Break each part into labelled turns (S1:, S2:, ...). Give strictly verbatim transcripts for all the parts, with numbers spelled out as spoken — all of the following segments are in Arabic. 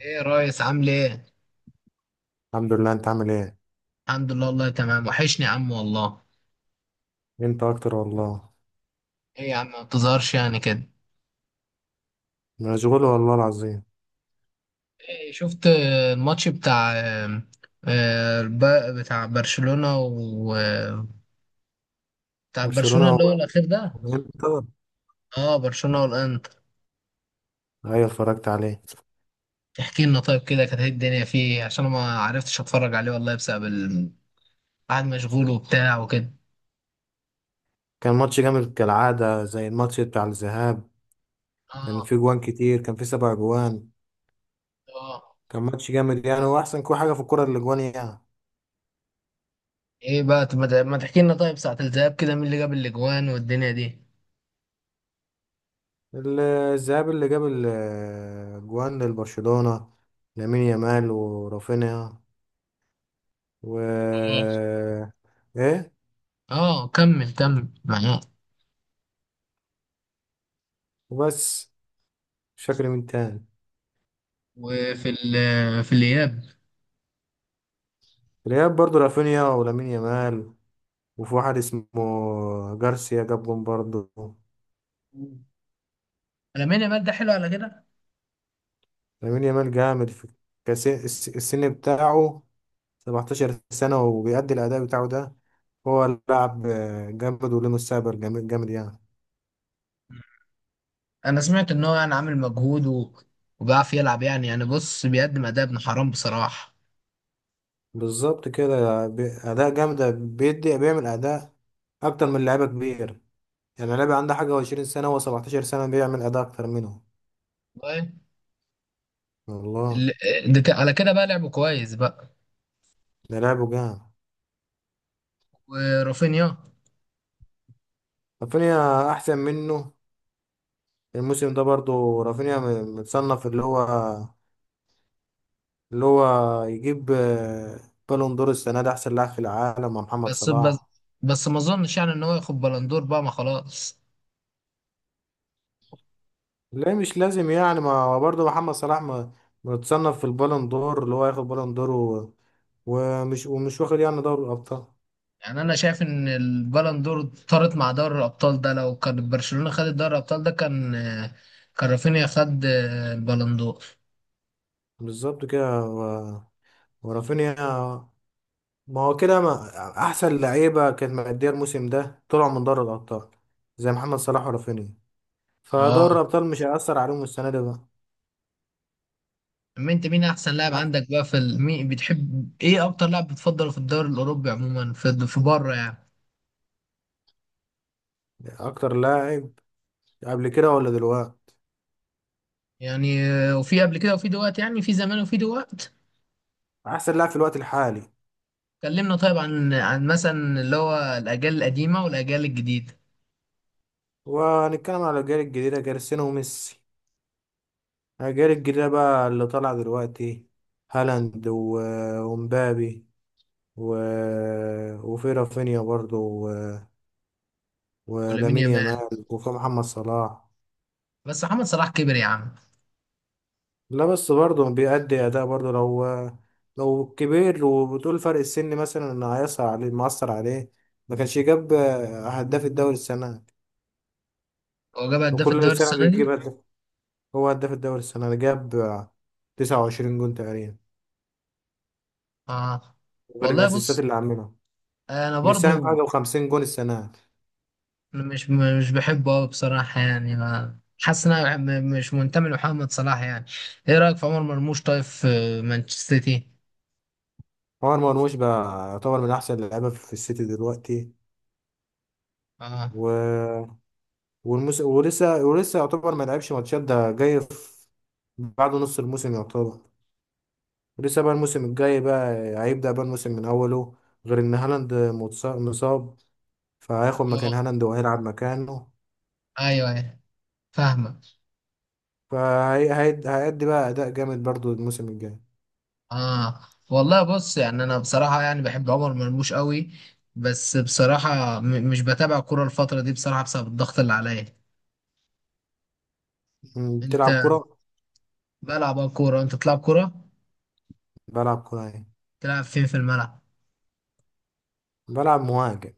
S1: ايه يا ريس، عامل ايه؟
S2: الحمد لله، انت عامل ايه؟
S1: الحمد لله والله، تمام. وحشني يا عم والله.
S2: انت اكتر والله.
S1: ايه يا عم، ما بتظهرش يعني كده.
S2: مشغول والله العظيم.
S1: إيه شفت، آه، الماتش بتاع آه، آه، الب- بتاع برشلونة، و آه، بتاع
S2: برشلونة
S1: برشلونة اللي هو
S2: هو.
S1: الأخير ده.
S2: انت.
S1: اه، برشلونة والانتر.
S2: ايوه، اتفرجت عليه.
S1: تحكي لنا طيب كده، كانت ايه الدنيا فيه؟ عشان أنا ما عرفتش اتفرج عليه والله، بسبب ال- قاعد مشغول وبتاع وكده.
S2: كان ماتش جامد كالعادة زي الماتش بتاع الذهاب. كان فيه
S1: اه.
S2: جوان كتير، كان فيه سبع جوان.
S1: اه.
S2: كان ماتش جامد يعني، واحسن كل حاجة في الكرة اللي جوان يعني.
S1: ايه بقى، طب ما ت- ما تحكي لنا طيب ساعة الذهاب كده، مين اللي جاب الاجوان والدنيا دي؟
S2: ال- الذهاب اللي جاب الجوان للبرشلونة، لامين يامال ورافينيا و
S1: اه.
S2: ايه
S1: اه، كمل كمل معاك.
S2: وبس، مش فاكر مين تاني.
S1: وفي ال- في الإياب.
S2: الإياب برضه رافينيا ولامين يامال، وفي واحد اسمه جارسيا جاب جون برضه.
S1: مم. لامين يامال ده حلو على كده.
S2: لامين يامال جامد في كاس الس- السن بتاعه، سبعتاشر سنة وبيأدي الأداء بتاعه ده. هو لاعب آه، جامد، وله مستقبل جامد جامد يعني.
S1: انا سمعت ان هو يعني عامل مجهود و... وبيعرف يلعب، يعني يعني بص، بيقدم اداء ابن حرام بصراحه.
S2: بالظبط كده، بي- أداء جامدة بيدي، بيعمل أداء أكتر من لعيبة كبير. يعني لعيبة عنده حاجة وعشرين سنة وسبعتاشر سنة بيعمل أداء أكتر منه
S1: طيب.
S2: والله.
S1: ال- ده ك... على كده بقى لعبه كويس بقى.
S2: ده لعبه جامد.
S1: ورافينيا.
S2: رافينيا أحسن منه. الموسم ده برضه رافينيا م- متصنف، اللي هو اللي هو يجيب آه، بالون دور السنة دي، أحسن لاعب في العالم مع محمد
S1: بس بس
S2: صلاح.
S1: بس، ما اظنش يعني ان هو ياخد بلندور بقى، ما خلاص.
S2: لا مش لازم يعني، ما هو برضه محمد صلاح ما- متصنف في البالون دور، اللي هو ياخد بالون دور و- ومش ومش واخد يعني دوري الأبطال.
S1: يعني انا شايف ان البلندور طارت مع دوري الابطال ده، لو كان برشلونه خدت دوري الابطال ده، كان كان رافينيا خد البلندور.
S2: بالظبط كده و- ورافينيا. ما هو كده ما، أحسن لعيبة كانت مأدية الموسم ده طلعوا من دوري الأبطال، زي محمد صلاح ورافينيا.
S1: اه.
S2: فدوري الأبطال مش هيأثر عليهم السنة دي بقى.
S1: أما أنت، مين أحسن لاعب
S2: أح-
S1: عندك بقى في ال... مين بتحب؟ إيه أكتر لاعب بتفضله في الدوري الأوروبي عموما، في في بره يعني؟
S2: أكتر لاعب قبل كده ولا دلوقتي؟
S1: يعني آه، وفي قبل كده وفي دلوقتي، يعني في زمان وفي دلوقتي.
S2: أحسن لاعب في الوقت الحالي،
S1: كلمنا طيب عن عن مثلا اللي هو الأجيال القديمة والأجيال الجديدة.
S2: وهنتكلم على الأجيال الجديدة كريستيانو وميسي. الأجيال الجديدة بقى اللي طالعة دلوقتي، هالاند و- ومبابي و... وفي رافينيا برضو، و...
S1: ولامين
S2: ولامين
S1: يامال.
S2: يامال وفي محمد صلاح.
S1: بس محمد صلاح كبر يا عم.
S2: لا بس برضو بيأدي أداء برضو، لو لو كبير وبتقول فرق السن مثلا إن هيأثر عليه، مأثر عليه. ما كانش جاب هداف الدوري السنة دي.
S1: هو جاب هداف
S2: وكل
S1: الدوري
S2: سنة
S1: السنة
S2: بيجيب
S1: دي؟
S2: هداف. هو هداف الدوري السنة دي جاب تسعة وعشرين جون تقريبا،
S1: آه.
S2: غير
S1: والله
S2: الأسيستات
S1: بص،
S2: اللي عاملها،
S1: أنا
S2: مساهم في
S1: برضو
S2: حاجة وخمسين جون السنة.
S1: مش مش بحبه أوي بصراحة، يعني ما حاسس إن أنا م- مش منتمي لمحمد صلاح يعني. إيه رأيك في عمر مرموش طيب، في مانشستر سيتي؟
S2: عمر مرموش بقى يعتبر من أحسن اللعيبة في السيتي دلوقتي
S1: اه.
S2: و... والمس... ولسه ولسه يعتبر، ما لعبش ماتشات، ده جاي في... بعد نص الموسم يعتبر. ولسه بقى الموسم الجاي بقى هيبدأ بقى الموسم من أوله، غير إن هالاند متص- مصاب، فهياخد مكان
S1: اه،
S2: هالاند وهيلعب مكانه.
S1: ايوه، ايوه، فاهمه.
S2: فهيأدي هي... هي- هيأدي بقى أداء جامد برضو الموسم الجاي.
S1: اه. والله بص، يعني انا بصراحه يعني بحب عمر مرموش قوي. بس بصراحه م- مش بتابع كوره الفتره دي بصراحه، بسبب الضغط اللي عليا.
S2: م،
S1: انت.
S2: بتلعب كرة؟
S1: بلعب، اه، كوره. انت تلعب كوره؟
S2: بلعب كرة يعني،
S1: تلعب فين في الملعب؟
S2: بلعب مهاجم.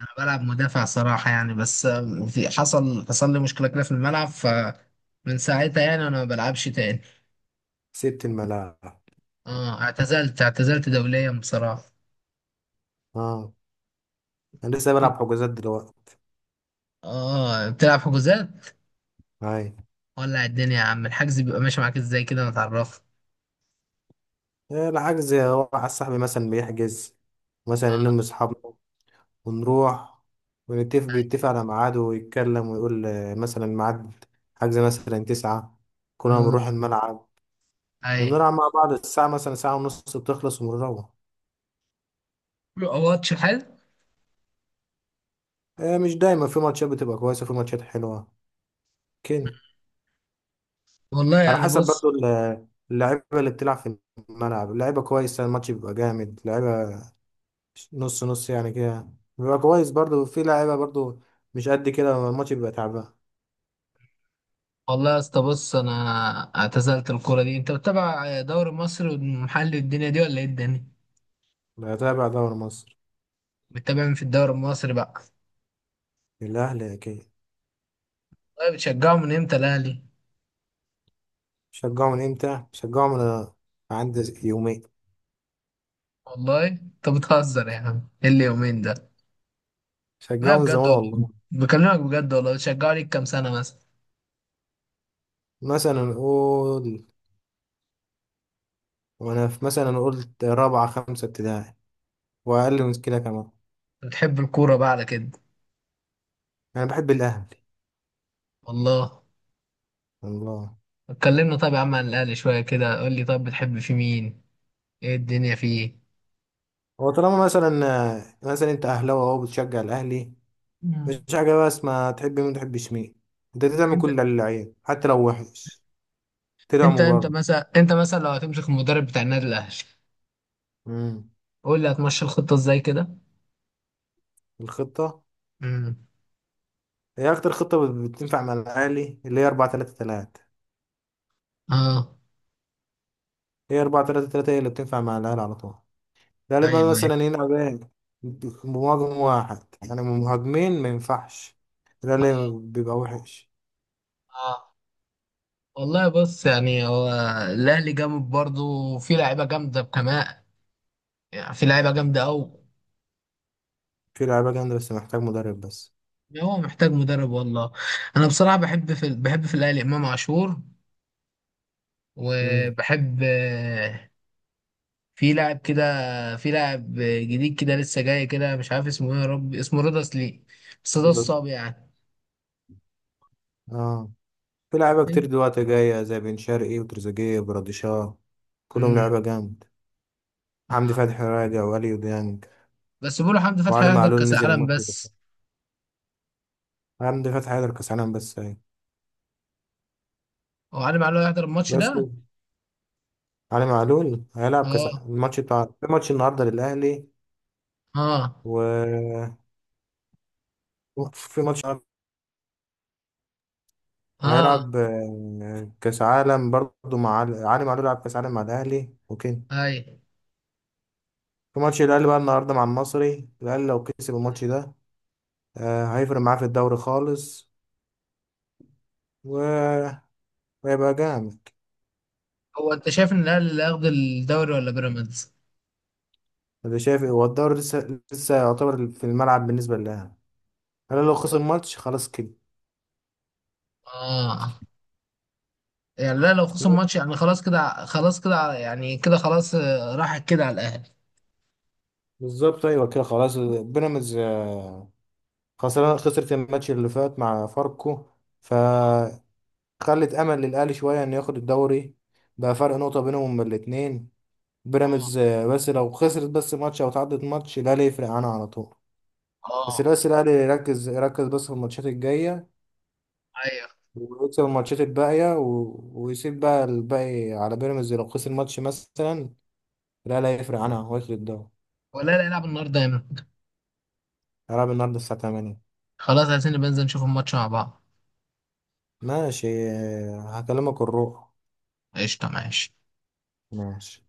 S1: انا بلعب مدافع صراحه، يعني بس آم، في حصل حصل لي مشكله كده في الملعب، فمن ساعتها يعني انا ما بلعبش تاني.
S2: سبت الملاعب.
S1: اه، اعتزلت اعتزلت دوليا بصراحه.
S2: اه، انا لسه بلعب حجوزات دلوقتي.
S1: اه، بتلعب حجوزات.
S2: هاي.
S1: ولع الدنيا يا عم، الحجز بيبقى ماشي معاك ازاي كده، ما تعرف.
S2: إيه الحجز، هو واحد صاحبي مثلا بيحجز، مثلا
S1: اه.
S2: يلم اصحابنا ونروح. ونتفق بيتفق على ميعاده ويتكلم ويقول آه، مثلا ميعاد حجز مثلا تسعة، كلنا
S1: ايوه،
S2: بنروح الملعب
S1: ايوه،
S2: ونلعب مع بعض الساعة مثلا ساعة ونص بتخلص ونروح.
S1: بيبقى ماتش حلو.
S2: إيه مش دايما، في ماتشات بتبقى كويسة، في ماتشات حلوة كده.
S1: والله
S2: على
S1: يعني
S2: حسب
S1: بص.
S2: برضو ال- اللعيبة اللي بتلعب في الملعب، اللعيبة كويسة الماتش بيبقى جامد، لعيبة نص نص يعني كده بيبقى كويس برضو، في لعيبة برضو مش قد كده الماتش بيبقى تعبان.
S1: والله يا اسطى بص، انا اعتزلت الكوره دي. انت بتتابع دوري مصر والمحلي الدنيا دي ولا ايه الدنيا؟
S2: بتابع دوري مصر.
S1: بتتابع مين في الدوري المصري بقى؟
S2: الأهلي أكيد.
S1: والله بتشجعه من امتى الاهلي؟
S2: شجعه من إمتى؟ شجعه من عندي يومين.
S1: والله انت بتهزر يا عم، ايه اليومين ده.
S2: شجعه
S1: لا،
S2: من
S1: بجد
S2: زمان
S1: والله،
S2: والله.
S1: بكلمك بجد والله، بتشجعه ليك كام سنه مثلا؟
S2: مثلا نقول وأنا في، مثلا نقول رابعة خمسة ابتدائي وأقل من كده كمان.
S1: بتحب الكوره بقى على كده.
S2: أنا بحب الأهلي.
S1: والله.
S2: الله.
S1: اتكلمنا طب يا عم عن الاهلي شويه كده، قول لي طب، بتحب في مين؟ ايه الدنيا فيه؟
S2: هو طالما مثلا، مثلا أنت أهلاوي أهو بتشجع الأهلي، مش
S1: مم.
S2: حاجة بس ما تحب مين ما تحبش مين، أنت تعمل
S1: انت
S2: كل اللعيب حتى لو وحش
S1: انت
S2: تدعمه
S1: انت
S2: برضه.
S1: مثلا، انت مثلا لو هتمسك المدرب بتاع النادي الاهلي،
S2: امم
S1: قول لي هتمشي الخطه ازاي كده؟
S2: الخطة،
S1: امم.
S2: هي أكتر خطة بت- بتنفع مع الأهلي اللي هي أربعة ثلاثة ثلاثة.
S1: اه،
S2: هي أربعة ثلاثة ثلاثة هي اللي بتنفع مع الأهلي على طول، ده لما
S1: ايوه ايوه.
S2: مثلا يلعب إيه، بمهاجم واحد يعني، مهاجمين ما ينفعش، ده اللي
S1: اه.
S2: بيبقى وحش.
S1: اه، والله بص، يعني هو الاهلي جامد برضه، وفي لعيبه جامده كمان، يعني في لعيبه جامده قوي.
S2: في لعيبة جامدة بس محتاج مدرب بس.
S1: هو محتاج مدرب والله. انا بصراحه بحب في بحب في الاهلي امام عاشور،
S2: امم
S1: وبحب في لاعب كده، في لاعب جديد كده لسه جاي كده، مش عارف اسمه ايه، يا رب اسمه رضا سليم، بس ده الصعب يعني.
S2: اه، في لعيبة كتير دلوقتي جاية زي بن شرقي وتريزيجيه وبراديشاه، كلهم
S1: امم.
S2: لعيبة جامد. حمدي
S1: آه.
S2: فتحي راجع وأليو ديانج
S1: بس بيقولوا حمدي فتحي
S2: وعلي
S1: هيحضر
S2: معلول
S1: كاس
S2: نزل
S1: العالم
S2: الماتش ده.
S1: بس.
S2: حمدي فتحي هيقدر كاس عالم بس هي.
S1: هو علي معلول هيحضر الماتش
S2: بس
S1: ده؟
S2: علي معلول هيلعب كاس
S1: اه.
S2: الماتش بتاع في ماتش النهارده للاهلي
S1: اه.
S2: و في ماتش،
S1: اه.
S2: هيلعب آه، كاس عالم برضه مع علي علي معلول، لعب كاس عالم مع الاهلي اوكي.
S1: اي.
S2: في ماتش الاهلي بقى النهارده مع المصري، الاهلي لو كسب الماتش ده آه، هيفرق معاه في الدوري خالص و- وهيبقى جامد.
S1: هو انت شايف ان الاهلي اللي هياخد الدوري ولا بيراميدز؟
S2: اللي شايف هو الدوري لسه، لسه يعتبر في الملعب بالنسبه للاهلي. الاهلي لو خسر الماتش خلاص كده.
S1: اه. يعني لا، لو خسر الماتش يعني خلاص كده، خلاص كده يعني كده، خلاص آه، راحت كده على الاهلي.
S2: بالظبط، ايوه كده خلاص. بيراميدز خسران، خسرت الماتش اللي فات مع فاركو، فخلت امل للاهلي شويه انه ياخد الدوري، بقى فرق نقطه بينهم الاثنين.
S1: اه.
S2: بيراميدز آه، بس لو خسرت بس ماتش او تعدت ماتش الاهلي يفرق عنها على طول. بس
S1: اه.
S2: بس الاهلي يركز، يركز بس في الماتشات الجايه،
S1: ايوه.
S2: ويكسب الماتشات الباقيه و... ويسيب بقى الباقي على بيراميدز. لو خسر ماتش مثلا الاهلي هيفرق عنها وياخد الدوري.
S1: ولا لا يلعب النهارده يا مان.
S2: هيلعب النهارده الساعه تمانية.
S1: خلاص، عايزين نبقى ننزل نشوف الماتش مع بعض.
S2: ماشي آه، هكلمك الروح.
S1: قشطة معاش.
S2: ماشي.